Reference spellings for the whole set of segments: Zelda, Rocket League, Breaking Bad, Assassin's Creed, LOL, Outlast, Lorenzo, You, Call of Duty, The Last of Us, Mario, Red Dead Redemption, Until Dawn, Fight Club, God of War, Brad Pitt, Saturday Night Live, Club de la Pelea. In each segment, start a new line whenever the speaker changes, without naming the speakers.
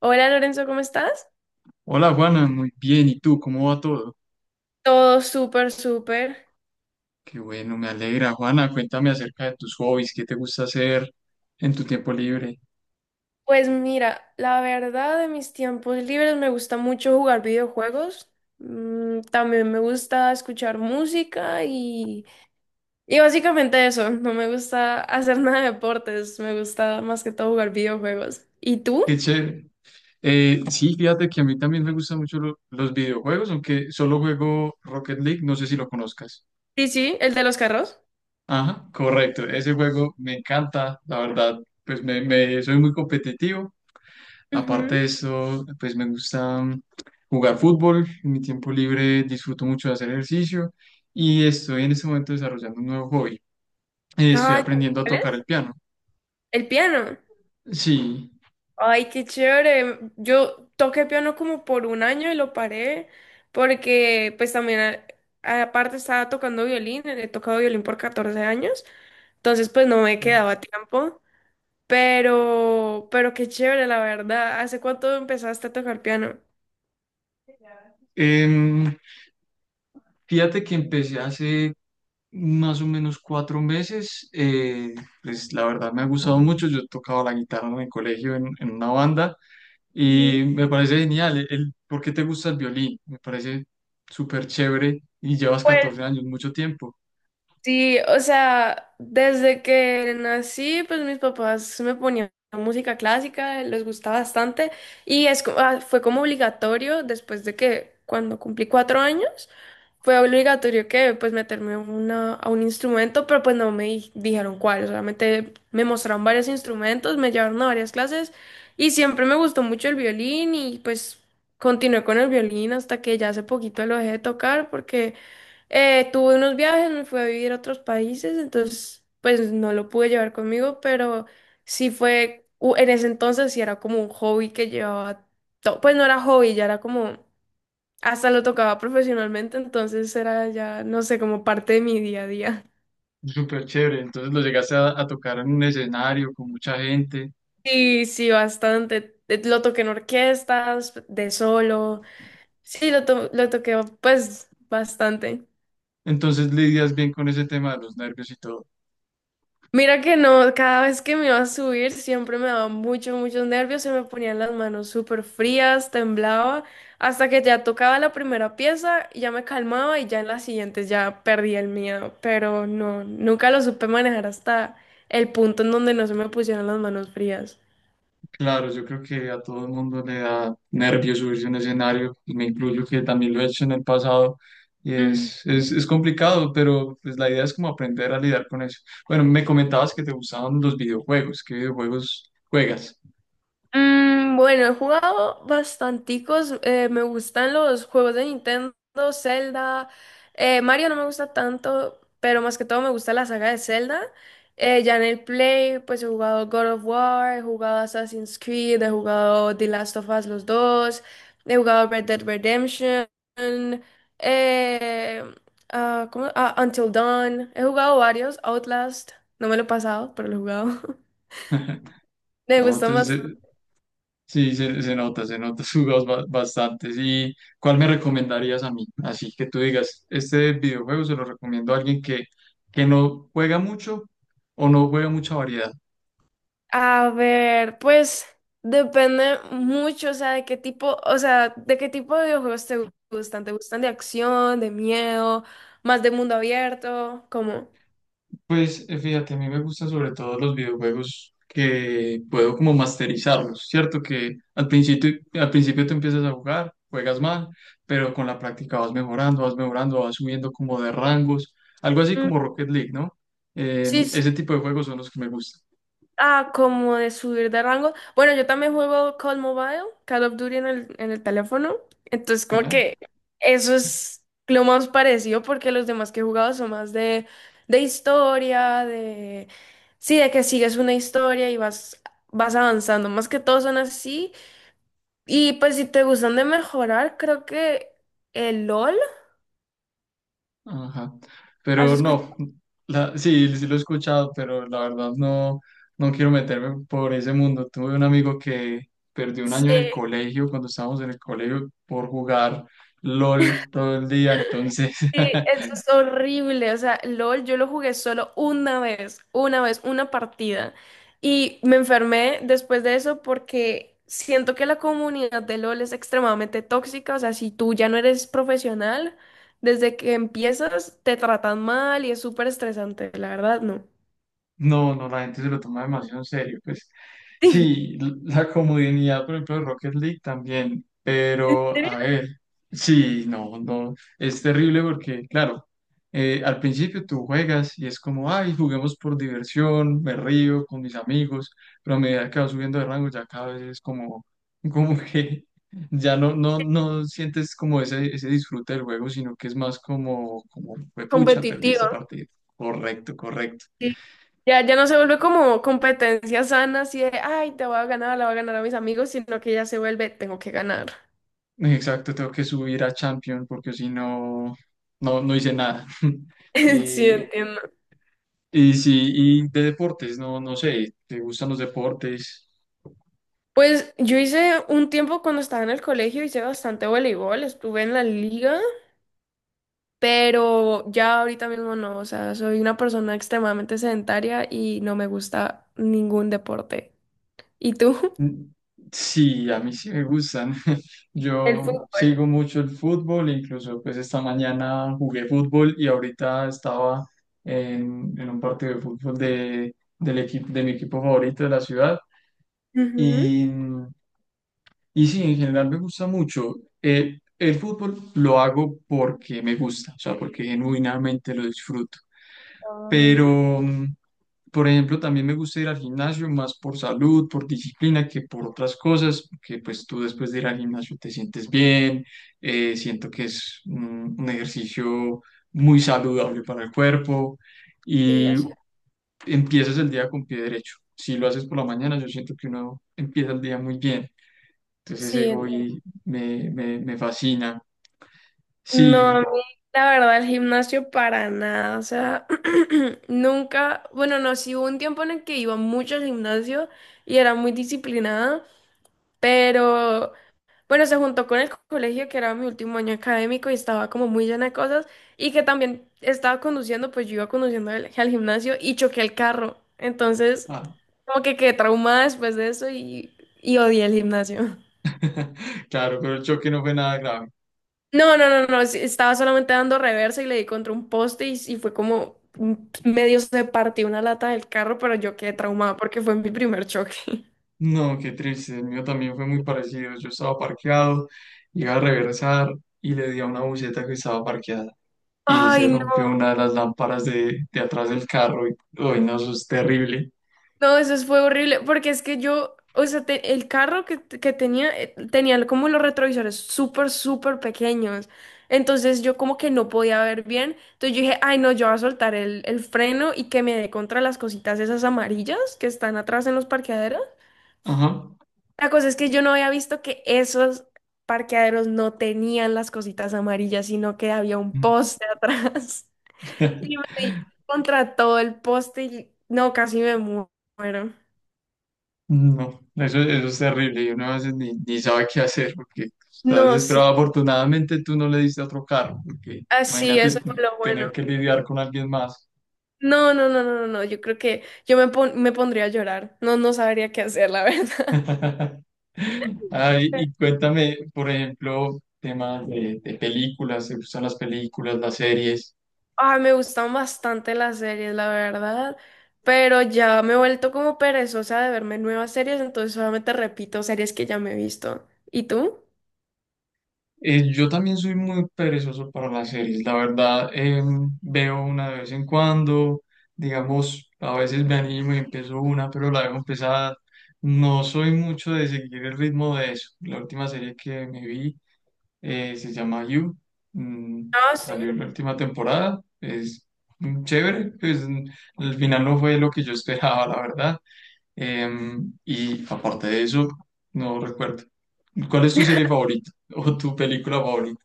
Hola Lorenzo, ¿cómo estás?
Hola Juana, muy bien. ¿Y tú? ¿Cómo va todo?
Todo súper, súper.
Qué bueno, me alegra. Juana, cuéntame acerca de tus hobbies, qué te gusta hacer en tu tiempo libre.
Pues mira, la verdad de mis tiempos libres me gusta mucho jugar videojuegos. También me gusta escuchar música y básicamente eso. No me gusta hacer nada de deportes, me gusta más que todo jugar videojuegos. ¿Y tú?
Qué chévere. Sí, fíjate que a mí también me gustan mucho los videojuegos, aunque solo juego Rocket League, no sé si lo conozcas.
Sí, sí, el de los carros.
Ajá, correcto. Ese juego me encanta, la verdad, pues soy muy competitivo. Aparte
Ujú.
de eso, pues me gusta jugar fútbol. En mi tiempo libre disfruto mucho de hacer ejercicio y estoy en este momento desarrollando un nuevo hobby. Estoy
Ay,
aprendiendo a
¿cuál
tocar
es?
el piano.
El piano.
Sí.
Ay, qué chévere. Yo toqué piano como por un año y lo paré porque pues también aparte estaba tocando violín, he tocado violín por 14 años, entonces pues no me quedaba tiempo, pero qué chévere, la verdad. ¿Hace cuánto empezaste a tocar piano?
Em, Fíjate que empecé hace más o menos 4 meses. Pues la verdad me ha gustado mucho. Yo tocaba la guitarra en el colegio en una banda
Ujú.
y me parece genial. ¿Por qué te gusta el violín? Me parece súper chévere y llevas 14 años, mucho tiempo.
Sí, o sea, desde que nací, pues mis papás me ponían música clásica, les gustaba bastante y fue como obligatorio después de que cuando cumplí 4 años, fue obligatorio que pues meterme a a un instrumento, pero pues no me di- dijeron cuál, solamente me mostraron varios instrumentos, me llevaron a varias clases y siempre me gustó mucho el violín y pues continué con el violín hasta que ya hace poquito lo dejé de tocar porque… tuve unos viajes, me fui a vivir a otros países, entonces pues no lo pude llevar conmigo, pero sí en ese entonces sí era como un hobby que llevaba todo, pues no era hobby, ya era como, hasta lo tocaba profesionalmente, entonces era ya, no sé, como parte de mi día a día.
Súper chévere. Entonces lo llegaste a tocar en un escenario con mucha gente.
Sí, sí, bastante. Lo toqué en orquestas, de solo, sí, lo toqué pues bastante.
Entonces lidias bien con ese tema de los nervios y todo.
Mira que no, cada vez que me iba a subir siempre me daba muchos nervios, se me ponían las manos súper frías, temblaba, hasta que ya tocaba la primera pieza, y ya me calmaba y ya en las siguientes ya perdía el miedo, pero no, nunca lo supe manejar hasta el punto en donde no se me pusieron las manos frías.
Claro, yo creo que a todo el mundo le da nervios subirse a un escenario, y me incluyo que también lo he hecho en el pasado, y es complicado, pero pues la idea es como aprender a lidiar con eso. Bueno, me comentabas que te gustaban los videojuegos, ¿qué videojuegos juegas?
Bueno, he jugado bastanticos. Me gustan los juegos de Nintendo, Zelda. Mario no me gusta tanto, pero más que todo me gusta la saga de Zelda. Ya en el Play, pues he jugado God of War, he jugado Assassin's Creed, he jugado The Last of Us los dos, he jugado Red Dead Redemption, eh, Until Dawn. He jugado varios, Outlast, no me lo he pasado, pero lo he jugado. Me
¿No?
gusta…
Entonces, sí, se, se nota, jugas bastantes. ¿Y cuál me recomendarías a mí? Así que tú digas, este videojuego se lo recomiendo a alguien que no juega mucho o no juega mucha variedad.
A ver, pues depende mucho, o sea, de qué tipo de videojuegos gustan. ¿Te gustan de acción, de miedo, más de mundo abierto? Como…
Pues fíjate, a mí me gustan sobre todo los videojuegos que puedo como masterizarlos, ¿cierto? Que al principio tú empiezas a jugar, juegas mal, pero con la práctica vas mejorando, vas mejorando, vas subiendo como de rangos, algo así como Rocket League, ¿no?
Sí.
Ese tipo de juegos son los que me gustan.
Ah, como de subir de rango. Bueno, yo también juego Call Mobile, Call of Duty en en el teléfono. Entonces, como
Genial.
que eso es lo más parecido porque los demás que he jugado son más de historia, de… Sí, de que sigues una historia y vas avanzando. Más que todos son así. Y pues si te gustan de mejorar, creo que el LOL.
Ajá.
¿Has
Pero
escuchado?
no, sí, sí lo he escuchado, pero la verdad no, no quiero meterme por ese mundo. Tuve un amigo que perdió un año
Sí.
en el colegio, cuando estábamos en el colegio, por jugar LOL todo el día, entonces
Sí, eso es horrible. O sea, LOL, yo lo jugué solo una vez, una vez, una partida. Y me enfermé después de eso porque siento que la comunidad de LOL es extremadamente tóxica. O sea, si tú ya no eres profesional, desde que empiezas te tratan mal y es súper estresante, la verdad, no.
no, no, la gente se lo toma demasiado en serio. Pues
Sí,
sí, la comodidad, por ejemplo, de Rocket League también.
¿en
Pero,
serio?
a ver, sí, no, no, es terrible porque, claro, al principio tú juegas y es como, ay, juguemos por diversión, me río con mis amigos, pero a medida que vas subiendo de rango ya cada vez es como, como que ya no, no, no sientes como ese disfrute del juego, sino que es más como, pucha, perdí
Competitivo.
este partido. Correcto, correcto.
Sí. Ya no se vuelve como competencia sana, así de, ay, te voy a ganar, la voy a ganar a mis amigos, sino que ya se vuelve, tengo que ganar.
Exacto, tengo que subir a Champion porque si no, no, no hice nada.
Sí,
Y,
entiendo.
y sí, y de deportes, no, no sé, ¿te gustan los deportes?
Pues yo hice un tiempo cuando estaba en el colegio, hice bastante voleibol, estuve en la liga, pero ya ahorita mismo no, o sea, soy una persona extremadamente sedentaria y no me gusta ningún deporte. ¿Y tú?
Mm, Sí, a mí sí me gustan.
El
Yo
fútbol.
sigo mucho el fútbol, incluso pues esta mañana jugué fútbol y ahorita estaba en un partido de fútbol de, del equipo, de mi equipo favorito de la ciudad.
Ujú.
Y, y sí, en general me gusta mucho. El fútbol lo hago porque me gusta, o sea, porque genuinamente lo disfruto.
Ujú.
Pero, por ejemplo, también me gusta ir al gimnasio más por salud, por disciplina, que por otras cosas, que pues tú después de ir al gimnasio te sientes bien, siento que es un ejercicio muy saludable para el cuerpo.
Sí, o
Y
sea,
empiezas el día con pie derecho. Si lo haces por la mañana, yo siento que uno empieza el día muy bien. Entonces
sí,
ese
entiendo.
hobby me fascina.
No,
Sí,
a mí, la verdad, el gimnasio para nada, o sea, nunca, bueno, no, sí hubo un tiempo en el que iba mucho al gimnasio y era muy disciplinada, pero bueno, se juntó con el colegio, que era mi último año académico y estaba como muy llena de cosas y que también estaba conduciendo, pues yo iba conduciendo al gimnasio y choqué el carro. Entonces,
ah,
como que quedé traumada después de eso y odié el gimnasio.
claro, pero el choque no fue nada grave.
No, no, no, no, sí, estaba solamente dando reversa y le di contra un poste y fue como medio se partió una lata del carro, pero yo quedé traumada porque fue mi primer choque.
No, qué triste, el mío también fue muy parecido. Yo estaba parqueado, iba a reversar y le di a una buceta que estaba parqueada y se
Ay,
rompió una de las lámparas de atrás del carro y, uy, no, eso es terrible.
no, eso fue horrible, porque es que yo, o sea, el carro que tenía, tenía como los retrovisores súper pequeños. Entonces yo como que no podía ver bien. Entonces yo dije, ay no, yo voy a soltar el freno y que me dé contra las cositas esas amarillas que están atrás en los parqueaderos.
Ajá.
La cosa es que yo no había visto que esos parqueaderos no tenían las cositas amarillas, sino que había un poste atrás. Y me di contra todo el poste y no, muero.
No, eso es terrible y uno a veces ni, ni sabe qué hacer porque estás
No, sí.
desesperado. Afortunadamente tú no le diste otro carro, porque
Así,
imagínate
eso fue lo
tener
bueno.
que lidiar con alguien más.
No, yo creo que yo me pondría a llorar. No, no sabría qué hacer, la verdad.
Ay, y cuéntame, por ejemplo, temas de películas, ¿te gustan las películas, las series?
Ah, me gustan bastante las series, la verdad, pero ya me he vuelto como perezosa de verme nuevas series, entonces solamente repito series que ya me he visto. ¿Y tú?
Yo también soy muy perezoso para las series, la verdad, veo una de vez en cuando, digamos, a veces me animo y empiezo una, pero la dejo empezada. No soy mucho de seguir el ritmo de eso. La última serie que me vi se llama You, mm,
Ah, sí.
salió la última temporada, es chévere, pues al final no fue lo que yo esperaba, la verdad. Y aparte de eso, no recuerdo. ¿Cuál es tu serie favorita o tu película favorita?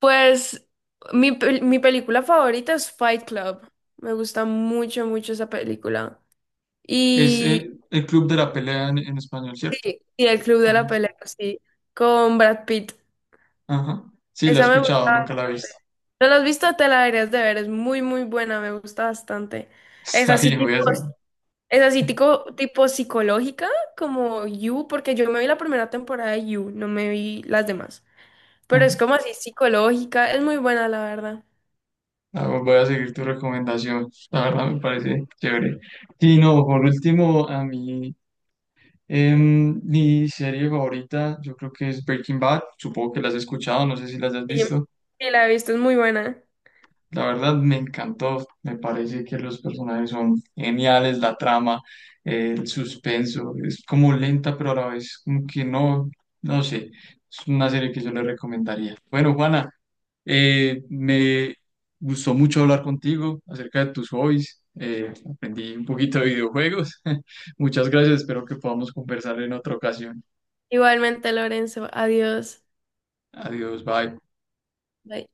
Pues mi película favorita es Fight Club. Me gusta mucho, mucho esa película.
Es
Y,
el Club de la Pelea en español, ¿cierto?
y El Club de la
Ah, sí.
Pelea, sí, con Brad Pitt.
Ajá. Sí, la he
Esa me
escuchado,
gusta.
nunca la he visto.
¿No la has visto? Te la deberías de ver. Es muy, muy buena. Me gusta bastante. Es
Está
así
bien, voy
tipo,
a seguir.
es así tipo, tipo psicológica, como You, porque yo me vi la primera temporada de You, no me vi las demás. Pero
Ajá.
es como así psicológica. Es muy buena, la verdad.
Ah, bueno, voy a seguir tu recomendación. La verdad me parece chévere. Sí, no, por último, a mí, mi serie favorita, yo creo que es Breaking Bad. Supongo que la has escuchado, no sé si las has
Sí,
visto.
sí la he visto. Es muy buena.
La verdad me encantó, me parece que los personajes son geniales, la trama, el suspenso, es como lenta pero a la vez como que no, no sé, es una serie que yo le recomendaría. Bueno, Juana, me gustó mucho hablar contigo acerca de tus hobbies, aprendí un poquito de videojuegos, muchas gracias, espero que podamos conversar en otra ocasión.
Igualmente, Lorenzo. Adiós.
Adiós, bye.
Bye.